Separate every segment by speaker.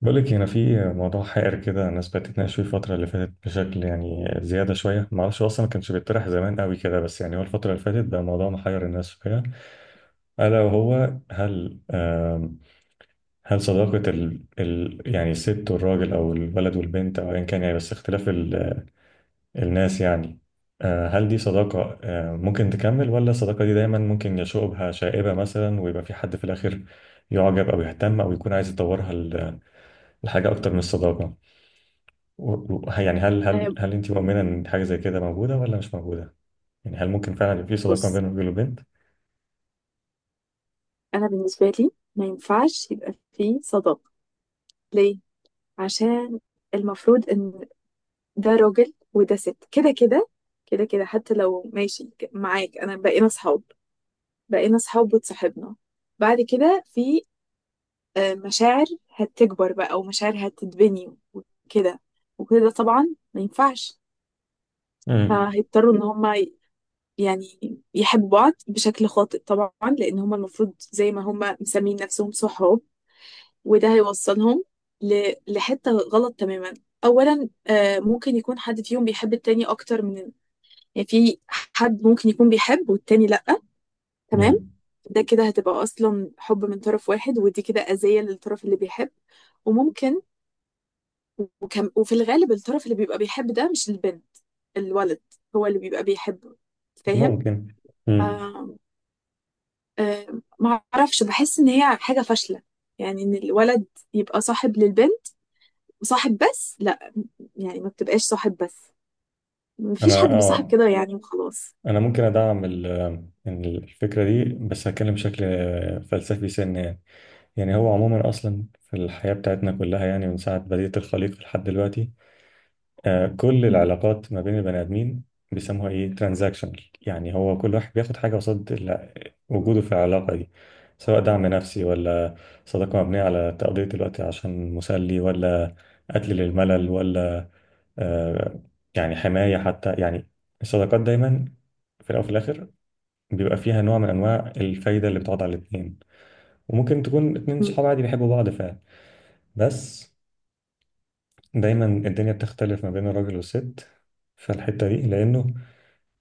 Speaker 1: بقولك هنا في موضوع حائر كده، الناس بقت تتناقش فيه الفترة اللي فاتت بشكل يعني زيادة شوية. معرفش هو أصلا ما كانش بيطرح زمان قوي كده، بس يعني هو الفترة اللي فاتت بقى موضوع محير الناس فيها. ألا وهو هل هل صداقة ال يعني الست والراجل، أو الولد والبنت، أو أيا كان، يعني بس اختلاف ال الناس يعني. هل دي صداقة؟ ممكن تكمل، ولا الصداقة دي دايما ممكن يشوق بها شائبة مثلا ويبقى في حد في الآخر يعجب أو يهتم أو يكون عايز يطورها لحاجة أكتر من الصداقة؟ يعني هل
Speaker 2: آه،
Speaker 1: هل هل انت مؤمنه ان حاجه زي كده موجوده ولا مش موجوده؟ يعني هل ممكن فعلا يبقى في صداقه
Speaker 2: بص.
Speaker 1: بين راجل وبنت؟
Speaker 2: انا بالنسبه لي ما ينفعش يبقى فيه صداقه. ليه؟ عشان المفروض ان ده راجل وده ست، كده كده كده كده، حتى لو ماشي معاك انا بقينا صحاب. وتصاحبنا، بعد كده في مشاعر هتكبر بقى ومشاعر هتتبني وكده، وكده طبعا، ما ينفعش.
Speaker 1: امم
Speaker 2: فهيضطروا ان هما يعني يحبوا بعض بشكل خاطئ طبعا، لان هما المفروض زي ما هما مسمين نفسهم صحاب، وده هيوصلهم لحتة غلط تماما. أولا ممكن يكون حد فيهم بيحب التاني أكتر من، يعني في حد ممكن يكون بيحب والتاني لأ. تمام.
Speaker 1: امم
Speaker 2: ده كده هتبقى أصلا حب من طرف واحد، ودي كده أذية للطرف اللي بيحب. وممكن وكم وفي الغالب الطرف اللي بيبقى بيحب ده مش البنت، الولد هو اللي بيبقى بيحبه. فاهم؟
Speaker 1: ممكن. امم
Speaker 2: آه. آه، ما أعرفش، بحس إن هي حاجة فاشلة. يعني إن الولد يبقى صاحب للبنت وصاحب بس، يعني ما بتبقاش صاحب بس، مفيش
Speaker 1: انا
Speaker 2: حد بيصاحب كده يعني وخلاص.
Speaker 1: انا ممكن ادعم إن الفكره دي، بس هتكلم بشكل فلسفي سنه يعني. يعني هو عموما اصلا في الحياه بتاعتنا كلها، يعني من ساعه بدايه الخليقه لحد دلوقتي، كل
Speaker 2: مم.
Speaker 1: العلاقات ما بين البني ادمين بيسموها ايه، ترانزاكشنال. يعني هو كل واحد بياخد حاجه قصاد وجوده في العلاقه دي، سواء دعم نفسي، ولا صداقه مبنيه على تقضيه الوقت عشان مسلي، ولا قتل للملل، ولا آه، يعني حمايه حتى يعني. الصداقات دايما في الاول وفي الاخر بيبقى فيها نوع من انواع الفايده اللي بتقعد على الاثنين. وممكن تكون اتنين
Speaker 2: مم.
Speaker 1: صحاب عادي بيحبوا بعض فعلا، بس دايما الدنيا بتختلف ما بين الراجل والست في الحته دي، لانه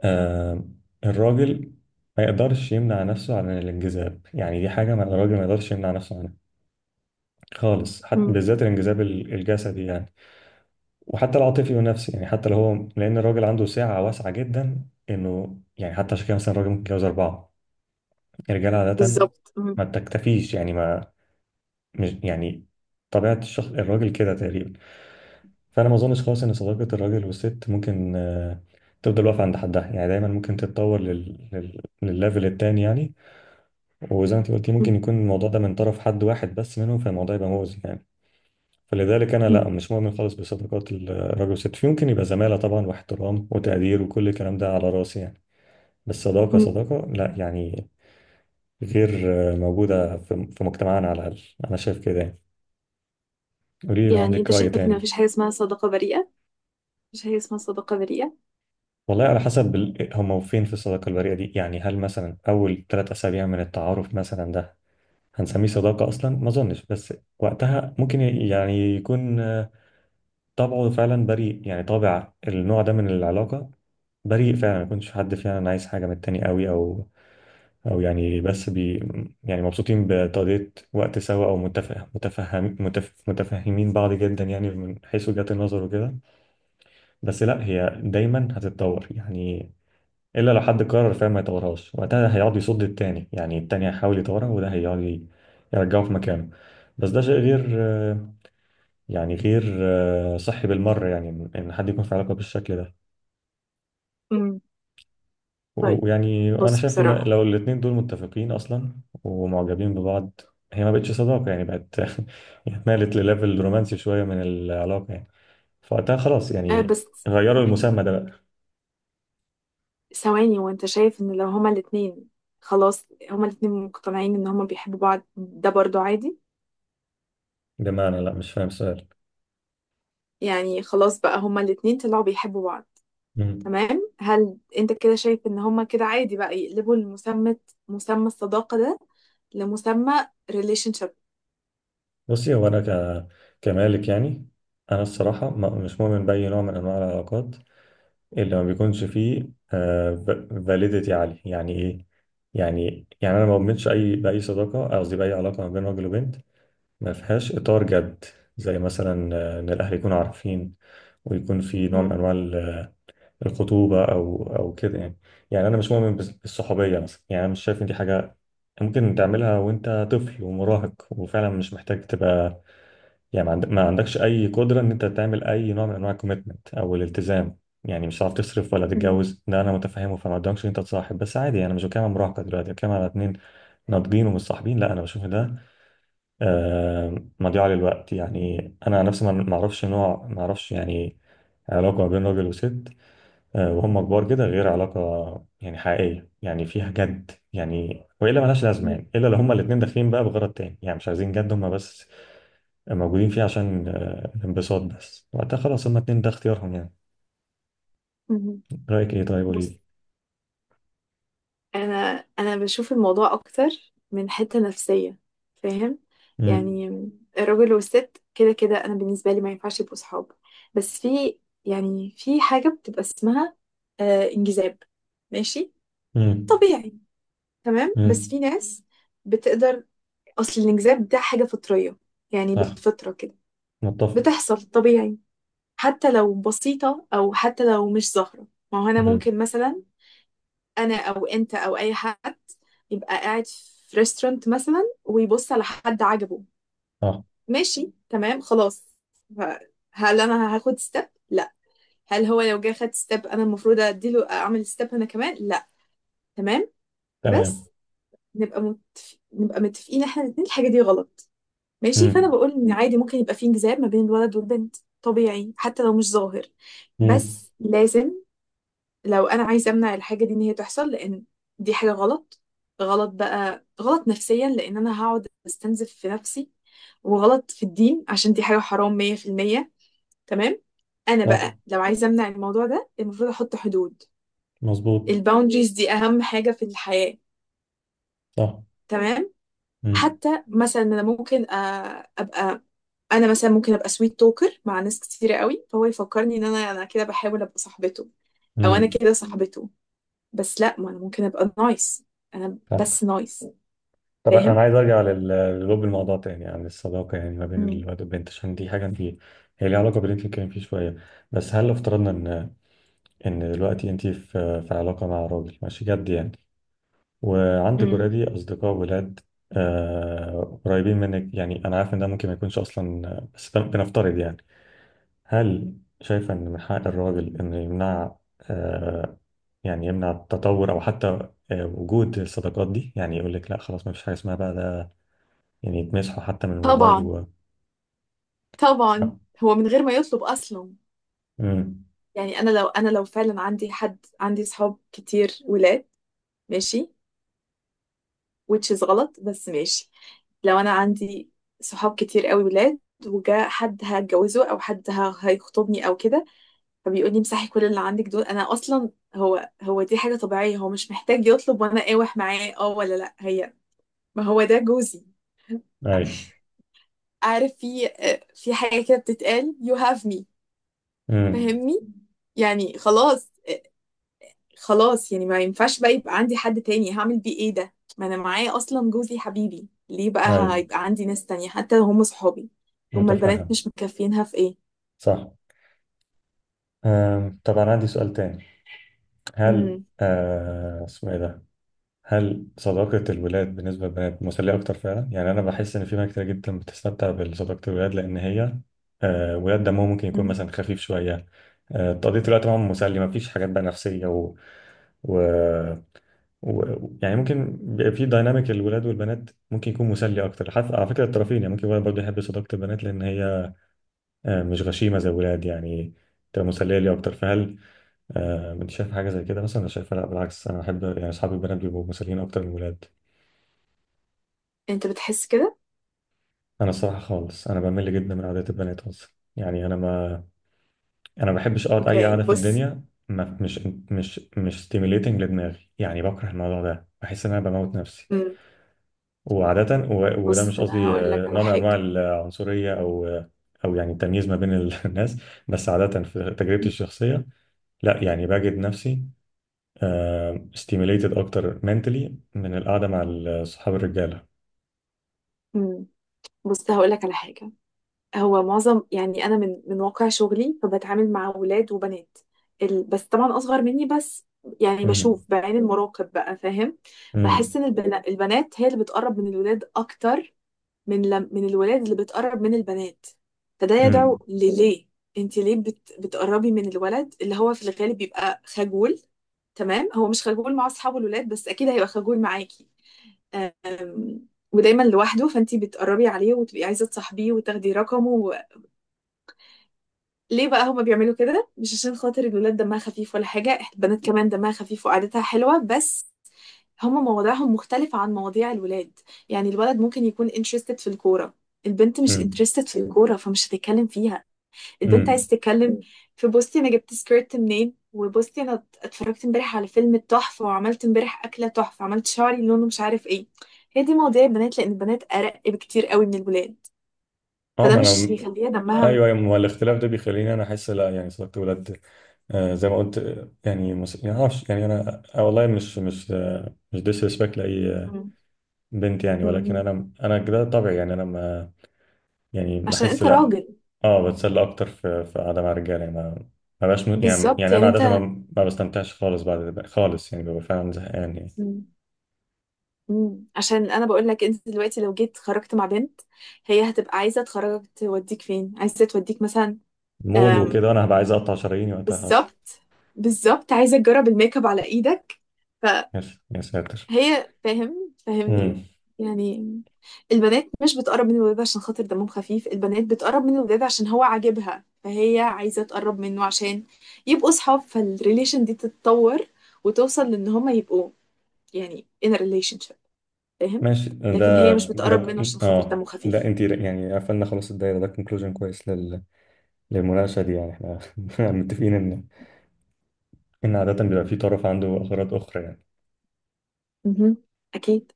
Speaker 1: آه الراجل ما يقدرش يمنع نفسه عن الانجذاب. يعني دي حاجة ما الراجل ما يقدرش يمنع نفسه عنها خالص، حتى
Speaker 2: مم.
Speaker 1: بالذات الانجذاب الجسدي يعني، وحتى العاطفي والنفسي يعني. حتى لو هو، لأن الراجل عنده سعة واسعة جدا، إنه يعني حتى عشان كده مثلا الراجل ممكن يتجوز 4. الرجال عادة
Speaker 2: بالظبط، مم.
Speaker 1: ما بتكتفيش يعني. ما مش يعني طبيعة الشخص الراجل كده تقريبا. فأنا ما أظنش خالص إن صداقة الراجل والست ممكن تفضل واقفة عند حدها يعني، دايما ممكن تتطور للليفل التاني يعني. وزي ما انت قلتي، ممكن
Speaker 2: مم.
Speaker 1: يكون الموضوع ده من طرف حد واحد بس منهم، فالموضوع يبقى مؤذي يعني. فلذلك انا،
Speaker 2: مم.
Speaker 1: لا، مش مؤمن خالص بصداقات الراجل والست. يمكن يبقى زماله طبعا، واحترام وتقدير وكل الكلام ده على راسي يعني، بس صداقه
Speaker 2: مم.
Speaker 1: صداقه لا يعني. غير موجوده في مجتمعنا على الاقل، انا شايف كده يعني. قولي لي لو
Speaker 2: يعني
Speaker 1: عندك
Speaker 2: انت
Speaker 1: راي
Speaker 2: شايف ان
Speaker 1: تاني.
Speaker 2: مفيش حاجة اسمها صداقة بريئة؟ مفيش حاجة اسمها صداقة بريئة.
Speaker 1: والله على حسب هم فين في الصداقه البريئه دي يعني. هل مثلا اول 3 اسابيع من التعارف مثلا ده هنسميه صداقه اصلا؟ ما اظنش، بس وقتها ممكن يعني يكون طبعه فعلا بريء يعني، طابع النوع ده من العلاقة بريء فعلا، ما يكونش حد فعلا عايز حاجة من التاني قوي، أو أو يعني بس بي يعني مبسوطين بتقضية وقت سوا، أو متفهمين بعض جدا يعني، من حيث وجهات النظر وكده. بس لا، هي دايما هتتطور يعني، إلا لو حد قرر فعلا ما يطورهاش. وقتها هيقعد يصد التاني يعني، التاني هيحاول يطورها وده هيقعد يرجعه في مكانه. بس ده شيء غير يعني، غير صحي بالمرة يعني، إن إن حد يكون في علاقة بالشكل ده.
Speaker 2: مم.
Speaker 1: و-
Speaker 2: طيب،
Speaker 1: ويعني وأنا
Speaker 2: بص
Speaker 1: شايف إن
Speaker 2: بصراحة.
Speaker 1: لو الاتنين دول متفقين أصلا ومعجبين ببعض، هي ما بقتش صداقة يعني، بقت يعني اتنقلت لليفل رومانسي شوية من العلاقة يعني. فوقتها خلاص
Speaker 2: آه
Speaker 1: يعني،
Speaker 2: بس،
Speaker 1: غيروا المسمى ده بقى.
Speaker 2: ثواني. وانت شايف ان لو هما الاتنين، خلاص، هما الاتنين مقتنعين ان هما بيحبوا بعض، ده برضو عادي؟
Speaker 1: يا جماعة أنا، لا، مش فاهم السؤال.
Speaker 2: يعني خلاص بقى هما الاتنين طلعوا بيحبوا بعض،
Speaker 1: مم.
Speaker 2: تمام. هل انت كده شايف ان هما كده عادي بقى يقلبوا المسمى، مسمى الصداقة ده، لمسمى relationship؟
Speaker 1: بصي، هو أنا كمالك يعني، أنا الصراحة مش مؤمن بأي نوع من أنواع العلاقات اللي ما بيكونش فيه فاليديتي عالي. يعني ايه؟ يعني انا ما بؤمنش اي باي صداقه، قصدي باي علاقه ما بين راجل وبنت، ما فيهاش اطار جد، زي مثلا ان الاهل يكونوا عارفين ويكون في نوع من
Speaker 2: مم.
Speaker 1: انواع الخطوبه او او كده يعني. يعني انا مش مؤمن بالصحوبيه مثلا، يعني انا مش شايف ان دي حاجه ممكن تعملها وانت طفل ومراهق، وفعلا مش محتاج تبقى يعني. ما عندكش اي قدره ان انت تعمل اي نوع من انواع الكوميتمنت او الالتزام. يعني مش هتعرف تصرف ولا
Speaker 2: مم.
Speaker 1: تتجوز، ده انا متفهمه. فما قدامكش ان انت تصاحب بس عادي يعني. انا مش بتكلم على مراهقه دلوقتي، أنا بتكلم على اتنين ناضجين ومتصاحبين. لا انا بشوف ده مضيعه للوقت يعني. انا عن نفسي ما ما اعرفش نوع ما اعرفش يعني علاقه ما بين راجل وست وهم كبار كده، غير علاقه يعني حقيقيه يعني فيها جد يعني، والا ملهاش لازمه
Speaker 2: مم.
Speaker 1: يعني. الا لو هما الاتنين داخلين بقى بغرض تاني يعني، مش عايزين جد، هما بس موجودين فيه عشان الانبساط بس. وقتها خلاص، هما اتنين ده اختيارهم يعني.
Speaker 2: مم.
Speaker 1: رأيك ايه؟ طيب قولي
Speaker 2: بص.
Speaker 1: لي.
Speaker 2: انا بشوف الموضوع اكتر من حتة نفسية. فاهم؟
Speaker 1: امم
Speaker 2: يعني الراجل والست كده كده انا بالنسبة لي ما ينفعش يبقوا صحاب. بس في، يعني في حاجة بتبقى اسمها آه انجذاب، ماشي،
Speaker 1: امم
Speaker 2: طبيعي. تمام. بس
Speaker 1: امم
Speaker 2: في ناس بتقدر. اصل الانجذاب ده حاجة فطرية، يعني
Speaker 1: صح،
Speaker 2: بالفطرة كده
Speaker 1: متفق.
Speaker 2: بتحصل طبيعي، حتى لو بسيطة أو حتى لو مش ظاهرة. ما هو أنا
Speaker 1: امم
Speaker 2: ممكن مثلا، أنا أو أنت أو أي حد، يبقى قاعد في ريستورانت مثلا ويبص على حد عجبه.
Speaker 1: صح،
Speaker 2: ماشي، تمام، خلاص. ف- هل أنا هاخد ستيب؟ لا. هل هو لو جه خد ستيب أنا المفروض أديله أعمل ستيب أنا كمان؟ لا. تمام. بس
Speaker 1: تمام.
Speaker 2: نبقى نبقى متفقين إحنا الاتنين الحاجة دي غلط، ماشي. فأنا
Speaker 1: امم
Speaker 2: بقول إن عادي ممكن يبقى في انجذاب ما بين الولد والبنت، طبيعي حتى لو مش ظاهر.
Speaker 1: امم
Speaker 2: بس لازم، لو انا عايزه امنع الحاجه دي ان هي تحصل، لان دي حاجه غلط. غلط بقى، غلط نفسيا لان انا هقعد استنزف في نفسي، وغلط في الدين عشان دي حاجه حرام 100%. تمام. انا
Speaker 1: صح،
Speaker 2: بقى لو عايزه امنع الموضوع ده، المفروض احط حدود.
Speaker 1: مظبوط.
Speaker 2: الباوندريز دي اهم حاجه في الحياه.
Speaker 1: صح.
Speaker 2: تمام.
Speaker 1: امم
Speaker 2: حتى مثلا انا ممكن ابقى، انا مثلا ممكن ابقى سويت توكر مع ناس كتيره قوي، فهو يفكرني ان انا كده بحاول ابقى صاحبته، او انا
Speaker 1: امم
Speaker 2: كده صاحبته. بس لا، ما انا ممكن ابقى نايس. انا
Speaker 1: صح.
Speaker 2: بس نايس.
Speaker 1: طب انا
Speaker 2: فاهم؟
Speaker 1: عايز ارجع للب الموضوع تاني عن الصداقة يعني ما بين
Speaker 2: مم.
Speaker 1: الواد والبنت، عشان دي حاجة انت هي ليها علاقة باللي انت بتتكلم فيه شوية. بس هل لو افترضنا ان ان دلوقتي انت في علاقة مع راجل ماشي جد يعني، وعندي
Speaker 2: مم.
Speaker 1: جرادي أصدقاء ولاد قريبين منك يعني؟ أنا عارف إن ده ممكن ما يكونش أصلا بس ده بنفترض يعني. هل شايفة إن من حق الراجل إنه يمنع آه، يعني يمنع التطور، أو حتى وجود الصداقات دي، يعني يقول لك لا خلاص ما فيش حاجة اسمها بقى ده، يعني يتمسحوا حتى من الموبايل
Speaker 2: طبعا،
Speaker 1: و...
Speaker 2: طبعا.
Speaker 1: صح.
Speaker 2: هو من غير ما يطلب اصلا.
Speaker 1: امم
Speaker 2: يعني انا لو، انا لو فعلا عندي حد، عندي صحاب كتير ولاد، ماشي، which is غلط بس ماشي، لو انا عندي صحاب كتير قوي ولاد، وجا حد هتجوزه او حد هيخطبني او كده، فبيقول لي امسحي كل اللي عندك دول. انا اصلا، هو دي حاجة طبيعية، هو مش محتاج يطلب وانا اقاوح معاه، اه ولا لا. هي، ما هو ده جوزي.
Speaker 1: أيوه.
Speaker 2: عارف في في حاجة كده بتتقال you have me.
Speaker 1: امم
Speaker 2: فاهمني؟ يعني خلاص. خلاص يعني ما ينفعش بقى يبقى عندي حد تاني. هعمل بيه ايه ده؟ ما انا معايا اصلا جوزي حبيبي، ليه بقى
Speaker 1: أيوه،
Speaker 2: هيبقى عندي ناس تانية حتى لو هم صحابي؟ هم البنات
Speaker 1: متفهم.
Speaker 2: مش مكفينها في ايه؟
Speaker 1: صح. طبعا عندي سؤال تاني. هل
Speaker 2: امم.
Speaker 1: اسمه إيه ده، هل صداقة الولاد بالنسبة للبنات مسلية أكتر فعلا؟ يعني أنا بحس إن في بنات كتير جدا بتستمتع بصداقة الولاد، لأن هي ولاد دمهم ممكن يكون
Speaker 2: مم.
Speaker 1: مثلا خفيف شوية. تقضية الوقت معاهم مسلي، مفيش حاجات بقى نفسية و... يعني ممكن بيبقى في دايناميك الولاد والبنات ممكن يكون مسلي أكتر، حتى على فكرة الطرفين يعني. ممكن الولد برضه يحب صداقة البنات، لأن هي مش غشيمة زي الولاد يعني، تبقى مسلية لي أكتر. فهل أنت شايف حاجة زي كده؟ مثلا أنا شايفها لأ، بالعكس أنا أحب يعني أصحابي البنات بيبقوا مسليين أكتر من الولاد.
Speaker 2: انت بتحس كده؟
Speaker 1: انا الصراحه خالص انا بمل جدا من قعدات البنات اصلا، يعني انا ما بحبش اقعد اي
Speaker 2: اوكي
Speaker 1: قعده في
Speaker 2: بص.
Speaker 1: الدنيا، ما مش مش مش stimulating لدماغي يعني، بكره الموضوع ده بحس ان انا بموت نفسي
Speaker 2: امم.
Speaker 1: وعاده. وده
Speaker 2: بص
Speaker 1: مش
Speaker 2: انا
Speaker 1: قصدي
Speaker 2: هقول لك على
Speaker 1: نوع من انواع
Speaker 2: حاجة.
Speaker 1: العنصريه او او يعني التمييز ما بين الناس، بس عاده في تجربتي الشخصيه لا، يعني بجد نفسي stimulated اكتر mentally من القعده مع صحاب الرجاله.
Speaker 2: امم. بص هقول لك على حاجة. هو معظم، يعني انا من واقع شغلي فبتعامل مع ولاد وبنات، بس طبعا اصغر مني. بس يعني
Speaker 1: امم
Speaker 2: بشوف بعين المراقب بقى. فاهم؟ بحس ان البنات هي اللي بتقرب من الولاد اكتر من لم... من الولاد اللي بتقرب من البنات. فده يدعو
Speaker 1: امم
Speaker 2: لليه. انت ليه بتقربي من الولد اللي هو في الغالب بيبقى خجول؟ تمام، هو مش خجول مع اصحابه الولاد بس اكيد هيبقى خجول معاكي. أم، ودايما لوحده، فانتي بتقربي عليه وتبقي عايزه تصاحبيه وتاخدي رقمه. ليه بقى هما بيعملوا كده؟ مش عشان خاطر الولاد دمها خفيف ولا حاجة، البنات كمان دمها خفيف وقعدتها حلوة. بس هما مواضيعهم مختلفة عن مواضيع الولاد. يعني الولد ممكن يكون interested في الكورة، البنت مش interested في الكورة فمش هتتكلم فيها. البنت عايز
Speaker 1: امم
Speaker 2: تتكلم في بوستي، أنا جبت سكيرت منين، وبوستي، أنا اتفرجت امبارح على فيلم تحفة، وعملت امبارح أكلة تحفة، عملت شعري لونه مش عارف ايه. هي دي مواضيع البنات، لأن البنات أرق بكتير قوي من الولاد.
Speaker 1: اه
Speaker 2: فده
Speaker 1: ما
Speaker 2: مش
Speaker 1: انا،
Speaker 2: يخليها دمها
Speaker 1: ايوه ايوه ما هو الاختلاف ده بيخليني انا احس لا يعني صداقه ولاد زي ما قلت يعني يعني معرفش يعني انا والله مش ديسريسبكت لاي
Speaker 2: م-
Speaker 1: بنت يعني، ولكن
Speaker 2: م-
Speaker 1: انا كده طبيعي يعني انا ما
Speaker 2: عشان
Speaker 1: احس
Speaker 2: انت
Speaker 1: لا.
Speaker 2: راجل.
Speaker 1: اه بتسلى اكتر في قعده مع رجاله يعني، ما ما بقاش
Speaker 2: بالظبط،
Speaker 1: انا
Speaker 2: يعني انت.
Speaker 1: عاده ما بستمتعش خالص بعد خالص يعني، ببقى فعلا زهقان يعني.
Speaker 2: مم. مم. عشان انا بقول لك انت دلوقتي لو جيت خرجت مع بنت، هي هتبقى عايزه تخرجك، توديك فين، عايزه توديك مثلا،
Speaker 1: مول وكده انا
Speaker 2: أم،
Speaker 1: هبقى عايز اقطع شراييني وقتها اصلا.
Speaker 2: بالظبط. بالظبط، عايزه تجرب الميك اب على ايدك.
Speaker 1: يا يا ساتر.
Speaker 2: فهي، فاهم؟ فاهمني؟ يعني البنات مش بتقرب من الولاد عشان خاطر دمهم خفيف. البنات بتقرب من الولاد عشان هو عاجبها، فهي عايزه تقرب منه عشان يبقوا صحاب، فالريليشن دي تتطور وتوصل لان هما يبقوا، يعني in a relationship. فاهم؟
Speaker 1: ماشي
Speaker 2: لكن هي
Speaker 1: ده
Speaker 2: مش
Speaker 1: ده
Speaker 2: بتقرب منه عشان خاطر دمه
Speaker 1: ده
Speaker 2: خفيف.
Speaker 1: انت يعني قفلنا خلاص الدايره، ده كونكلوجن كويس للمناقشه دي يعني. احنا متفقين ان ان عاده بيبقى في طرف عنده اغراض اخرى يعني.
Speaker 2: مهم. اكيد.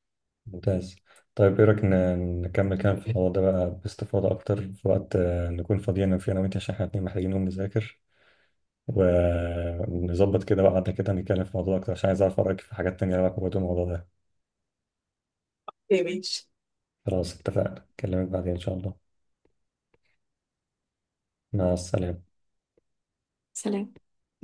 Speaker 1: ممتاز. طيب ايه رايك نكمل كلام في الحوار ده بقى باستفاضه اكتر في وقت نكون فاضيين فيه انا وانت، عشان احنا اتنين محتاجين نقوم نذاكر ونظبط كده، وقعدنا كده نتكلم في الموضوع اكتر، عشان عايز اعرف رايك في حاجات تانيه لها علاقه برضه بالموضوع ده.
Speaker 2: اوكي ماشي.
Speaker 1: خلاص، اتفقنا، اكلمك بعدين ان شاء الله. مع السلامه.
Speaker 2: سلام.